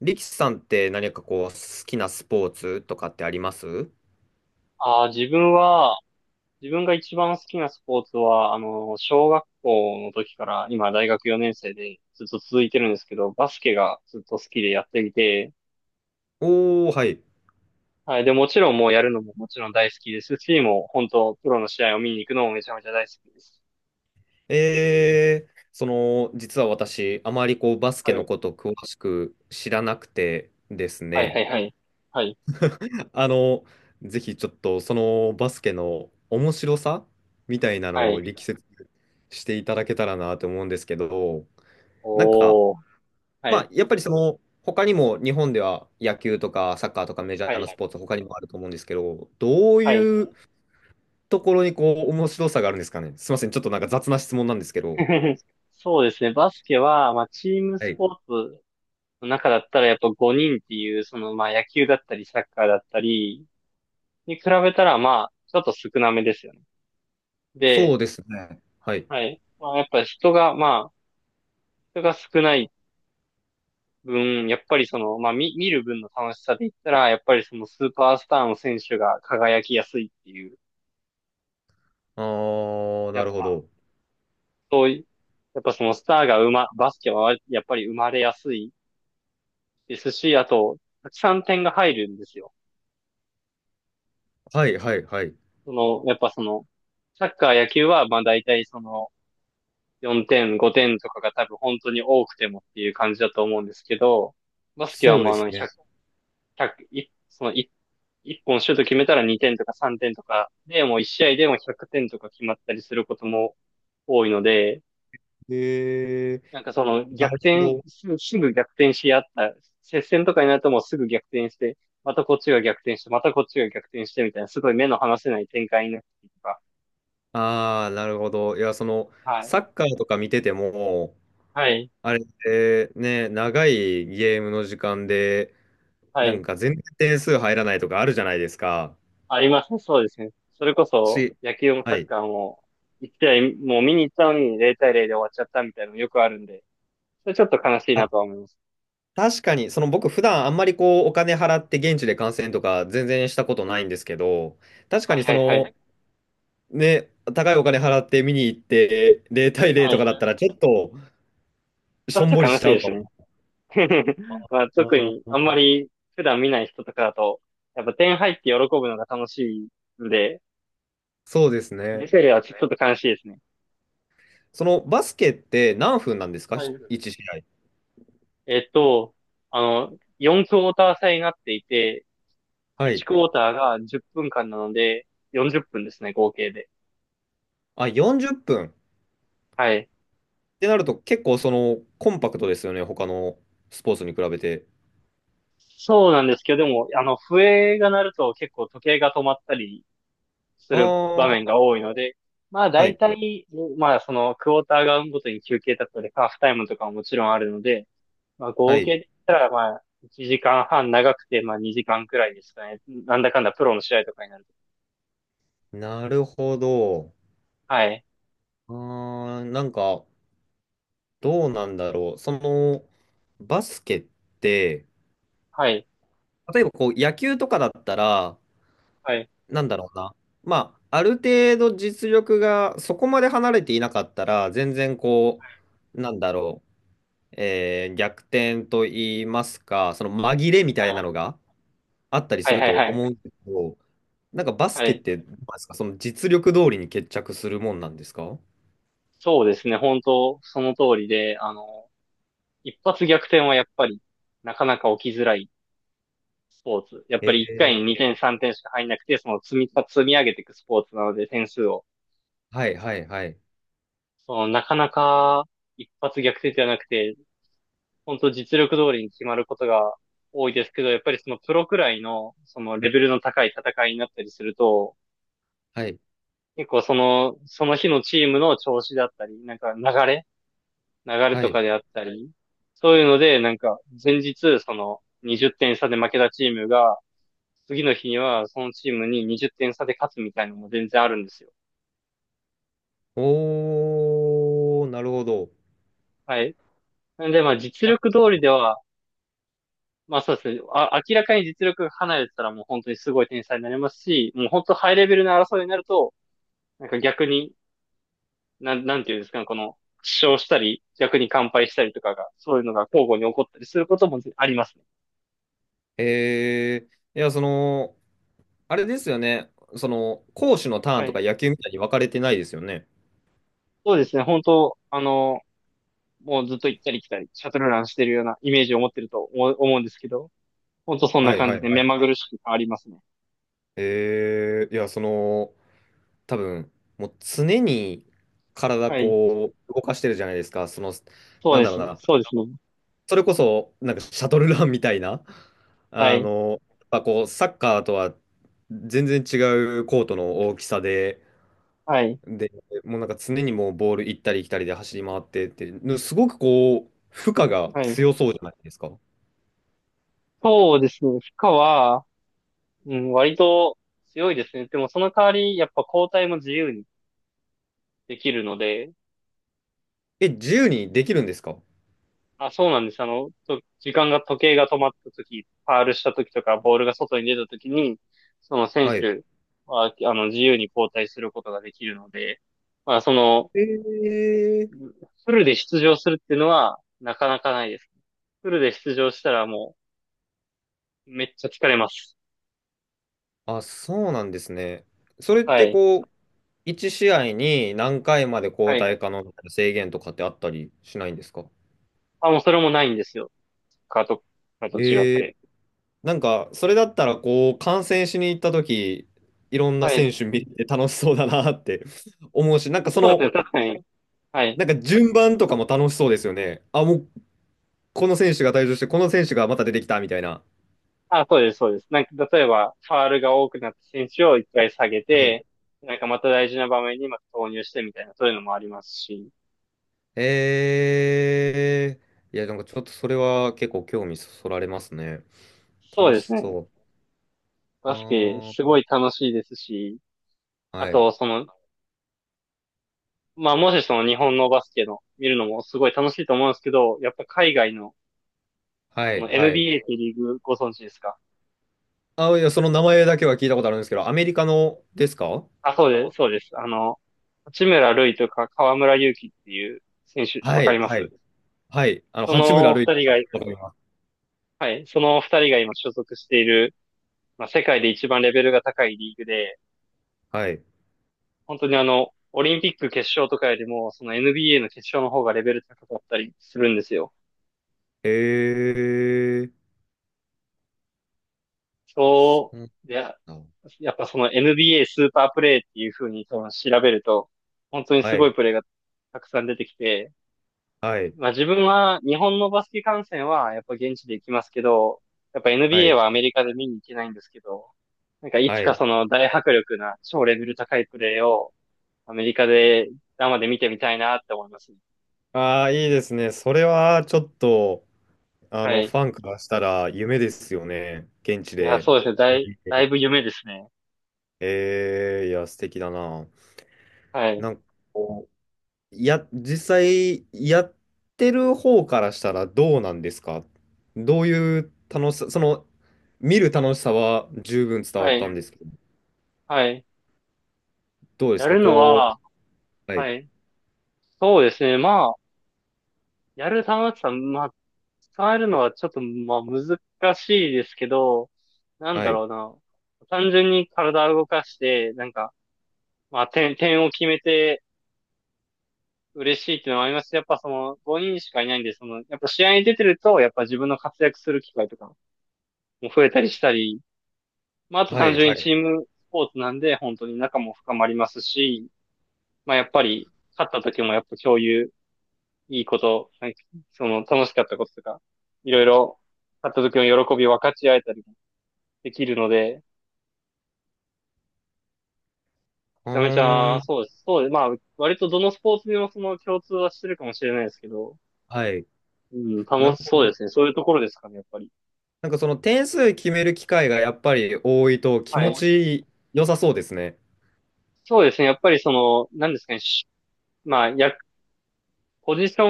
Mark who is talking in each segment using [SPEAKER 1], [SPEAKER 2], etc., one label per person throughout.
[SPEAKER 1] リキさんって何かこう、好きなスポーツとかってあります？
[SPEAKER 2] ああ、自分が一番好きなスポーツは、小学校の時から、今大学4年生でずっと続いてるんですけど、バスケがずっと好きでやっていて、
[SPEAKER 1] おー、はい。
[SPEAKER 2] はい。で、もちろんもうやるのももちろん大好きですし、もう本当、プロの試合を見に行くのもめちゃめちゃ大好きです。
[SPEAKER 1] 実は私、あまりこう、バスケ
[SPEAKER 2] は
[SPEAKER 1] の
[SPEAKER 2] い。
[SPEAKER 1] こと詳しく知らなくてです
[SPEAKER 2] はいは
[SPEAKER 1] ね。
[SPEAKER 2] いはい。はい。
[SPEAKER 1] あの、ぜひちょっと、そのバスケの面白さみたいな
[SPEAKER 2] は
[SPEAKER 1] の
[SPEAKER 2] い。
[SPEAKER 1] を力説していただけたらなと思うんですけど、なんか、
[SPEAKER 2] おー。は
[SPEAKER 1] ま
[SPEAKER 2] い。
[SPEAKER 1] あ、やっぱり他にも日本では野球とかサッカーとかメジャ
[SPEAKER 2] は
[SPEAKER 1] ーなス
[SPEAKER 2] い。
[SPEAKER 1] ポーツ他にもあると思うんですけど、どう
[SPEAKER 2] はい。
[SPEAKER 1] いうところにこう面白さがあるんですかね。すみません、ちょっとなんか雑な質問なんですけど。
[SPEAKER 2] そうですね。バスケは、まあ、チーム
[SPEAKER 1] は
[SPEAKER 2] ス
[SPEAKER 1] い。
[SPEAKER 2] ポーツの中だったらやっぱ5人っていう、そのまあ野球だったりサッカーだったりに比べたらまあちょっと少なめですよね。
[SPEAKER 1] そう
[SPEAKER 2] で、
[SPEAKER 1] ですね。はい。
[SPEAKER 2] はい。まあやっぱ人が少ない分、やっぱりそのまあ見る分の楽しさで言ったら、やっぱりそのスーパースターの選手が輝きやすいっていう、
[SPEAKER 1] あー、
[SPEAKER 2] や
[SPEAKER 1] なる
[SPEAKER 2] っ
[SPEAKER 1] ほ
[SPEAKER 2] ぱ
[SPEAKER 1] ど。
[SPEAKER 2] そういう、やっぱそのスターがバスケはやっぱり生まれやすいですし、あと、たくさん点が入るんですよ。
[SPEAKER 1] はいはいはい。
[SPEAKER 2] その、やっぱその、サッカー、野球は、まあ大体その、4点、5点とかが多分本当に多くてもっていう感じだと思うんですけど、バスケは
[SPEAKER 1] そう
[SPEAKER 2] もう
[SPEAKER 1] で
[SPEAKER 2] あ
[SPEAKER 1] す
[SPEAKER 2] の
[SPEAKER 1] ね。
[SPEAKER 2] 100、いその1、一本シュート決めたら2点とか3点とかで、もう1試合でも100点とか決まったりすることも多いので、
[SPEAKER 1] へえ
[SPEAKER 2] な
[SPEAKER 1] ー、
[SPEAKER 2] んかその
[SPEAKER 1] な
[SPEAKER 2] 逆
[SPEAKER 1] るほ
[SPEAKER 2] 転、
[SPEAKER 1] ど。
[SPEAKER 2] すぐ逆転し合った、接戦とかになるともうすぐ逆転して、またこっちが逆転して、またこっちが逆転してみたいな、すごい目の離せない展開になってとか。
[SPEAKER 1] あー、なるほど。いや、
[SPEAKER 2] はい。
[SPEAKER 1] サッカーとか見てても、
[SPEAKER 2] はい。
[SPEAKER 1] あれってね、長いゲームの時間で、
[SPEAKER 2] は
[SPEAKER 1] なん
[SPEAKER 2] い。
[SPEAKER 1] か全然点数入らないとかあるじゃないですか。
[SPEAKER 2] ありますね。そうですね。それこそ、
[SPEAKER 1] し、
[SPEAKER 2] 野球もサ
[SPEAKER 1] は
[SPEAKER 2] ッ
[SPEAKER 1] い。
[SPEAKER 2] カーも、もう見に行ったのに0対0で終わっちゃったみたいなのよくあるんで、それちょっと悲しい
[SPEAKER 1] あ、
[SPEAKER 2] なとは思います。
[SPEAKER 1] 確かに、その僕普段あんまりこうお金払って現地で観戦とか全然したことないんですけど、確か
[SPEAKER 2] はい
[SPEAKER 1] にそ
[SPEAKER 2] はいは
[SPEAKER 1] の
[SPEAKER 2] い。
[SPEAKER 1] ね、高いお金払って見に行って0対0
[SPEAKER 2] は
[SPEAKER 1] と
[SPEAKER 2] い。
[SPEAKER 1] かだったらちょっと
[SPEAKER 2] ちょ
[SPEAKER 1] し
[SPEAKER 2] っ
[SPEAKER 1] ょん
[SPEAKER 2] と
[SPEAKER 1] ぼり
[SPEAKER 2] 悲
[SPEAKER 1] し
[SPEAKER 2] しい
[SPEAKER 1] ちゃ
[SPEAKER 2] で
[SPEAKER 1] うか
[SPEAKER 2] す
[SPEAKER 1] も。
[SPEAKER 2] ね。まあ、
[SPEAKER 1] あ
[SPEAKER 2] 特に、あんま
[SPEAKER 1] ー、
[SPEAKER 2] り普段見ない人とかだと、やっぱ点入って喜ぶのが楽しいんで、
[SPEAKER 1] そうです
[SPEAKER 2] 出
[SPEAKER 1] ね。
[SPEAKER 2] てるはちょっと悲しいですね。
[SPEAKER 1] そのバスケって何分なんですか
[SPEAKER 2] はい。
[SPEAKER 1] ?1 試合。
[SPEAKER 2] えっと、4クォーター制になっていて、
[SPEAKER 1] は
[SPEAKER 2] 1
[SPEAKER 1] い。
[SPEAKER 2] クォーターが10分間なので、40分ですね、合計で。
[SPEAKER 1] あ、40分、っぷんっ
[SPEAKER 2] はい。
[SPEAKER 1] てなると結構そのコンパクトですよね、他のスポーツに比べて。
[SPEAKER 2] そうなんですけど、でも、笛が鳴ると結構時計が止まったりす
[SPEAKER 1] あ
[SPEAKER 2] る場面
[SPEAKER 1] あ、
[SPEAKER 2] が多いので、まあ
[SPEAKER 1] は
[SPEAKER 2] 大
[SPEAKER 1] い。
[SPEAKER 2] 体、まあそのクォーターがごとに休憩だったり、ハーフタイムとかももちろんあるので、まあ
[SPEAKER 1] は
[SPEAKER 2] 合計
[SPEAKER 1] い。
[SPEAKER 2] で言ったらまあ1時間半長くてまあ2時間くらいですかね。なんだかんだプロの試合とかになると。
[SPEAKER 1] なるほど。
[SPEAKER 2] はい。
[SPEAKER 1] あー、なんか、どうなんだろう。バスケって、
[SPEAKER 2] はい。
[SPEAKER 1] 例えばこう野球とかだったら、
[SPEAKER 2] はい。
[SPEAKER 1] なんだろうな。まあ、ある程度実力がそこまで離れていなかったら、全然こう、なんだろう、逆転と言いますか、その紛れみたいなのがあったり
[SPEAKER 2] は
[SPEAKER 1] す
[SPEAKER 2] い。
[SPEAKER 1] る
[SPEAKER 2] はい。
[SPEAKER 1] と
[SPEAKER 2] は
[SPEAKER 1] 思うん
[SPEAKER 2] い。
[SPEAKER 1] ですけど、なんかバス
[SPEAKER 2] は
[SPEAKER 1] ケっ
[SPEAKER 2] い。
[SPEAKER 1] てどうなんですか、その実力通りに決着するもんなんですか？
[SPEAKER 2] そうですね。本当、その通りで、一発逆転はやっぱりなかなか起きづらいスポーツ。やっぱ
[SPEAKER 1] え
[SPEAKER 2] り1回に2
[SPEAKER 1] ー
[SPEAKER 2] 点3点しか入んなくて、その積み上げていくスポーツなので点数を。
[SPEAKER 1] はいはいはい。
[SPEAKER 2] その、なかなか一発逆転ではなくて、本当実力通りに決まることが多いですけど、やっぱりそのプロくらいの、そのレベルの高い戦いになったりすると、
[SPEAKER 1] はい
[SPEAKER 2] 結構その、その日のチームの調子だったり、なんかれ流れ
[SPEAKER 1] は
[SPEAKER 2] と
[SPEAKER 1] い。
[SPEAKER 2] かであったり、そういうので、なんか前日、その20点差で負けたチームが、次の日にはそのチームに20点差で勝つみたいなのも全然あるんですよ。
[SPEAKER 1] おー、なるほど。
[SPEAKER 2] はい。なんで、まあ実力通りでは、まあそうですね。あ、明らかに実力が離れてたらもう本当にすごい天才になりますし、もう本当ハイレベルな争いになると、なんか逆に、なんていうんですかね、この、負傷したり、逆に完敗したりとかが、そういうのが交互に起こったりすることもありますね。
[SPEAKER 1] えー、いや、あれですよね。攻守のターン
[SPEAKER 2] は
[SPEAKER 1] とか
[SPEAKER 2] い。
[SPEAKER 1] 野球みたいに分かれてないですよね。
[SPEAKER 2] そうですね。本当、もうずっと行ったり来たり、シャトルランしてるようなイメージを持ってると思うんですけど、本当そんな
[SPEAKER 1] はい
[SPEAKER 2] 感
[SPEAKER 1] は
[SPEAKER 2] じ
[SPEAKER 1] い
[SPEAKER 2] で
[SPEAKER 1] は
[SPEAKER 2] 目
[SPEAKER 1] い。
[SPEAKER 2] まぐるしく変わりますね。
[SPEAKER 1] いや、多分、もう常に体
[SPEAKER 2] はい。
[SPEAKER 1] こう、動かしてるじゃないですか。
[SPEAKER 2] そう
[SPEAKER 1] なん
[SPEAKER 2] で
[SPEAKER 1] だ
[SPEAKER 2] す。
[SPEAKER 1] ろうな。
[SPEAKER 2] そうですね。
[SPEAKER 1] それこそ、なんかシャトルランみたいな。
[SPEAKER 2] は
[SPEAKER 1] あ
[SPEAKER 2] い。
[SPEAKER 1] の、やっぱこう、サッカーとは全然違うコートの大きさで、
[SPEAKER 2] はい。
[SPEAKER 1] で、もうなんか常にもうボール行ったり来たりで走り回ってって、すごくこう、負荷が
[SPEAKER 2] はい。
[SPEAKER 1] 強そうじゃないですか。
[SPEAKER 2] そうですね。負荷は、うん、割と強いですね。でもその代わり、やっぱ交代も自由にできるので、
[SPEAKER 1] え、自由にできるんですか？
[SPEAKER 2] あ、そうなんです。あの、と時間が、時計が止まった時、ファールした時とか、ボールが外に出た時に、その選
[SPEAKER 1] はい。
[SPEAKER 2] 手は、自由に交代することができるので、まあ、その、
[SPEAKER 1] えー、
[SPEAKER 2] フルで出場するっていうのは、なかなかないですね。フルで出場したらもう、めっちゃ疲れます。
[SPEAKER 1] あ、そうなんですね。それっ
[SPEAKER 2] は
[SPEAKER 1] て
[SPEAKER 2] い。
[SPEAKER 1] こう、1試合に何回まで
[SPEAKER 2] は
[SPEAKER 1] 交
[SPEAKER 2] い。
[SPEAKER 1] 代可能みたいな制限とかってあったりしないんですか？
[SPEAKER 2] あ、もうそれもないんですよ。カート、カート違っ
[SPEAKER 1] えー、
[SPEAKER 2] て。
[SPEAKER 1] なんか、それだったらこう、観戦しに行った時、いろんな
[SPEAKER 2] はい。
[SPEAKER 1] 選手見て楽しそうだなって 思うし、なんか
[SPEAKER 2] そうですね、確かに。はい。
[SPEAKER 1] なんか順番とかも楽しそうですよね。あ、もうこの選手が退場して、この選手がまた出てきたみたいな。
[SPEAKER 2] あ、そうです、そうです。なんか、例えば、ファールが多くなった選手を一回下げ
[SPEAKER 1] はい。
[SPEAKER 2] て、なんかまた大事な場面にまた投入してみたいな、そういうのもありますし。
[SPEAKER 1] えいや、なんかちょっとそれは結構興味そそられますね。
[SPEAKER 2] そう
[SPEAKER 1] 楽
[SPEAKER 2] です
[SPEAKER 1] し
[SPEAKER 2] ね。
[SPEAKER 1] そう。
[SPEAKER 2] バスケ、
[SPEAKER 1] あ
[SPEAKER 2] す
[SPEAKER 1] ー、
[SPEAKER 2] ごい楽しいですし、あ
[SPEAKER 1] はい、
[SPEAKER 2] と、その、まあ、もしその日本のバスケの見るのもすごい楽しいと思うんですけど、やっぱ海外の、
[SPEAKER 1] は
[SPEAKER 2] そ
[SPEAKER 1] い、
[SPEAKER 2] の
[SPEAKER 1] はい。
[SPEAKER 2] NBA ってリーグご存知ですか？
[SPEAKER 1] あ、いや、その名前だけは聞いたことあるんですけど、アメリカのですか？
[SPEAKER 2] あ、そうです、そうです。八村塁とか河村勇輝っていう選手、わ
[SPEAKER 1] は
[SPEAKER 2] か
[SPEAKER 1] い、
[SPEAKER 2] りま
[SPEAKER 1] は
[SPEAKER 2] す？
[SPEAKER 1] い、はい。
[SPEAKER 2] そ
[SPEAKER 1] 八村
[SPEAKER 2] の二
[SPEAKER 1] 塁
[SPEAKER 2] 人が、
[SPEAKER 1] がわかります。
[SPEAKER 2] はい、その二人が今所属している、まあ、世界で一番レベルが高いリーグで、
[SPEAKER 1] はい。
[SPEAKER 2] 本当にオリンピック決勝とかよりも、その NBA の決勝の方がレベル高かったりするんですよ。
[SPEAKER 1] えー、そ
[SPEAKER 2] そ
[SPEAKER 1] う
[SPEAKER 2] う、で、
[SPEAKER 1] なの
[SPEAKER 2] やっぱその NBA スーパープレイっていう風に多分調べると、本当に
[SPEAKER 1] だ。
[SPEAKER 2] す
[SPEAKER 1] は
[SPEAKER 2] ご
[SPEAKER 1] い、
[SPEAKER 2] いプレーがたくさん出てきて、
[SPEAKER 1] はい、
[SPEAKER 2] まあ自分は日本のバスケ観戦はやっぱ現地で行きますけど、やっぱ
[SPEAKER 1] は
[SPEAKER 2] NBA
[SPEAKER 1] い、
[SPEAKER 2] はアメリカで見に行けないんですけど、なんかいつ
[SPEAKER 1] は
[SPEAKER 2] か
[SPEAKER 1] い。
[SPEAKER 2] その大迫力な超レベル高いプレーをアメリカで生で見てみたいなって思いますね。
[SPEAKER 1] ああ、いいですね。それはちょっと、
[SPEAKER 2] はい。
[SPEAKER 1] ファンからしたら夢ですよね。現地
[SPEAKER 2] いや、
[SPEAKER 1] で。
[SPEAKER 2] そうですね。だいぶ夢ですね。
[SPEAKER 1] ええ、いや、素敵だな。
[SPEAKER 2] はい。
[SPEAKER 1] なんかこう、実際、やってる方からしたらどうなんですか？どういう楽しさ、見る楽しさは十分伝わ
[SPEAKER 2] は
[SPEAKER 1] ったん
[SPEAKER 2] い。
[SPEAKER 1] ですけど、
[SPEAKER 2] はい。
[SPEAKER 1] どうで
[SPEAKER 2] や
[SPEAKER 1] すか
[SPEAKER 2] るの
[SPEAKER 1] こう、
[SPEAKER 2] は、
[SPEAKER 1] はい、
[SPEAKER 2] はい。そうですね。まあ、やる玉ださたまあ、使えるのはちょっと、まあ、難しいですけど、なん
[SPEAKER 1] は
[SPEAKER 2] だ
[SPEAKER 1] い、
[SPEAKER 2] ろうな。単純に体を動かして、なんか、まあ、点を決めて嬉しいっていうのもありますし、やっぱその、5人しかいないんで、その、やっぱ試合に出てると、やっぱ自分の活躍する機会とかも増えたりしたり、まあ、あと
[SPEAKER 1] は
[SPEAKER 2] 単
[SPEAKER 1] い、
[SPEAKER 2] 純
[SPEAKER 1] はい。
[SPEAKER 2] に
[SPEAKER 1] う
[SPEAKER 2] チームスポーツなんで、本当に仲も深まりますし、まあ、やっぱり、勝った時もやっぱ共有いいこと、なんかその楽しかったこととか、いろいろ、買った時の喜びを分かち合えたりもできるので、め
[SPEAKER 1] ー
[SPEAKER 2] ちゃめちゃ、
[SPEAKER 1] ん、
[SPEAKER 2] そうです。そうです。まあ、割とどのスポーツにもその共通はしてるかもしれないですけど、
[SPEAKER 1] はい。
[SPEAKER 2] うん、
[SPEAKER 1] なる
[SPEAKER 2] 楽し
[SPEAKER 1] ほ
[SPEAKER 2] そう
[SPEAKER 1] ど。
[SPEAKER 2] ですね。そういうところですかね、やっぱり。
[SPEAKER 1] なんかその点数決める機会がやっぱり多いと気
[SPEAKER 2] は
[SPEAKER 1] 持
[SPEAKER 2] い。
[SPEAKER 1] ち良さそうですね。
[SPEAKER 2] そうですね。やっぱりその、何ですかね。しまあ、や、ポジショ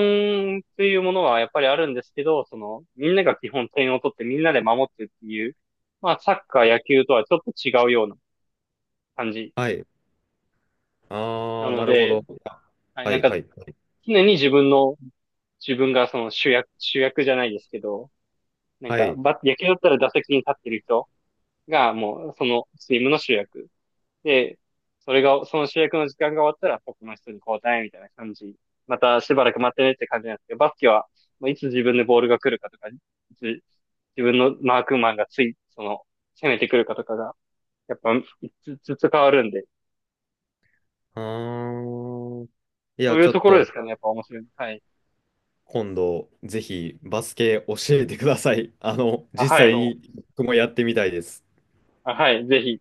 [SPEAKER 2] ンというものはやっぱりあるんですけど、その、みんなが基本点を取ってみんなで守ってっていう、まあ、サッカー、野球とはちょっと違うような感じ
[SPEAKER 1] はい。あ
[SPEAKER 2] な
[SPEAKER 1] あ、
[SPEAKER 2] の
[SPEAKER 1] なるほ
[SPEAKER 2] で、
[SPEAKER 1] ど。あ、
[SPEAKER 2] はい、
[SPEAKER 1] は
[SPEAKER 2] なん
[SPEAKER 1] い
[SPEAKER 2] か、
[SPEAKER 1] はいはい。
[SPEAKER 2] 常に自分がその主役、主役じゃないですけど、なん
[SPEAKER 1] は
[SPEAKER 2] か、
[SPEAKER 1] い。
[SPEAKER 2] 野球だったら打席に立ってる人がもうそのチームの主役。で、それが、その主役の時間が終わったら、他の人に交代みたいな感じ。またしばらく待ってねって感じなんですけど、バスケは、まあいつ自分でボールが来るかとか、いつ自分のマークマンがつい、その、攻めてくるかとかが、やっぱ、ずつ変わるんで、
[SPEAKER 1] ああ。い
[SPEAKER 2] そ
[SPEAKER 1] や、
[SPEAKER 2] うい
[SPEAKER 1] ち
[SPEAKER 2] う
[SPEAKER 1] ょ
[SPEAKER 2] と
[SPEAKER 1] っ
[SPEAKER 2] ころです
[SPEAKER 1] と
[SPEAKER 2] かね、やっぱ面白いの。はい。
[SPEAKER 1] 今度ぜひバスケ教えてください。
[SPEAKER 2] あ、は
[SPEAKER 1] 実
[SPEAKER 2] い。
[SPEAKER 1] 際に僕もやってみたいです。
[SPEAKER 2] あ、はい。ぜひ、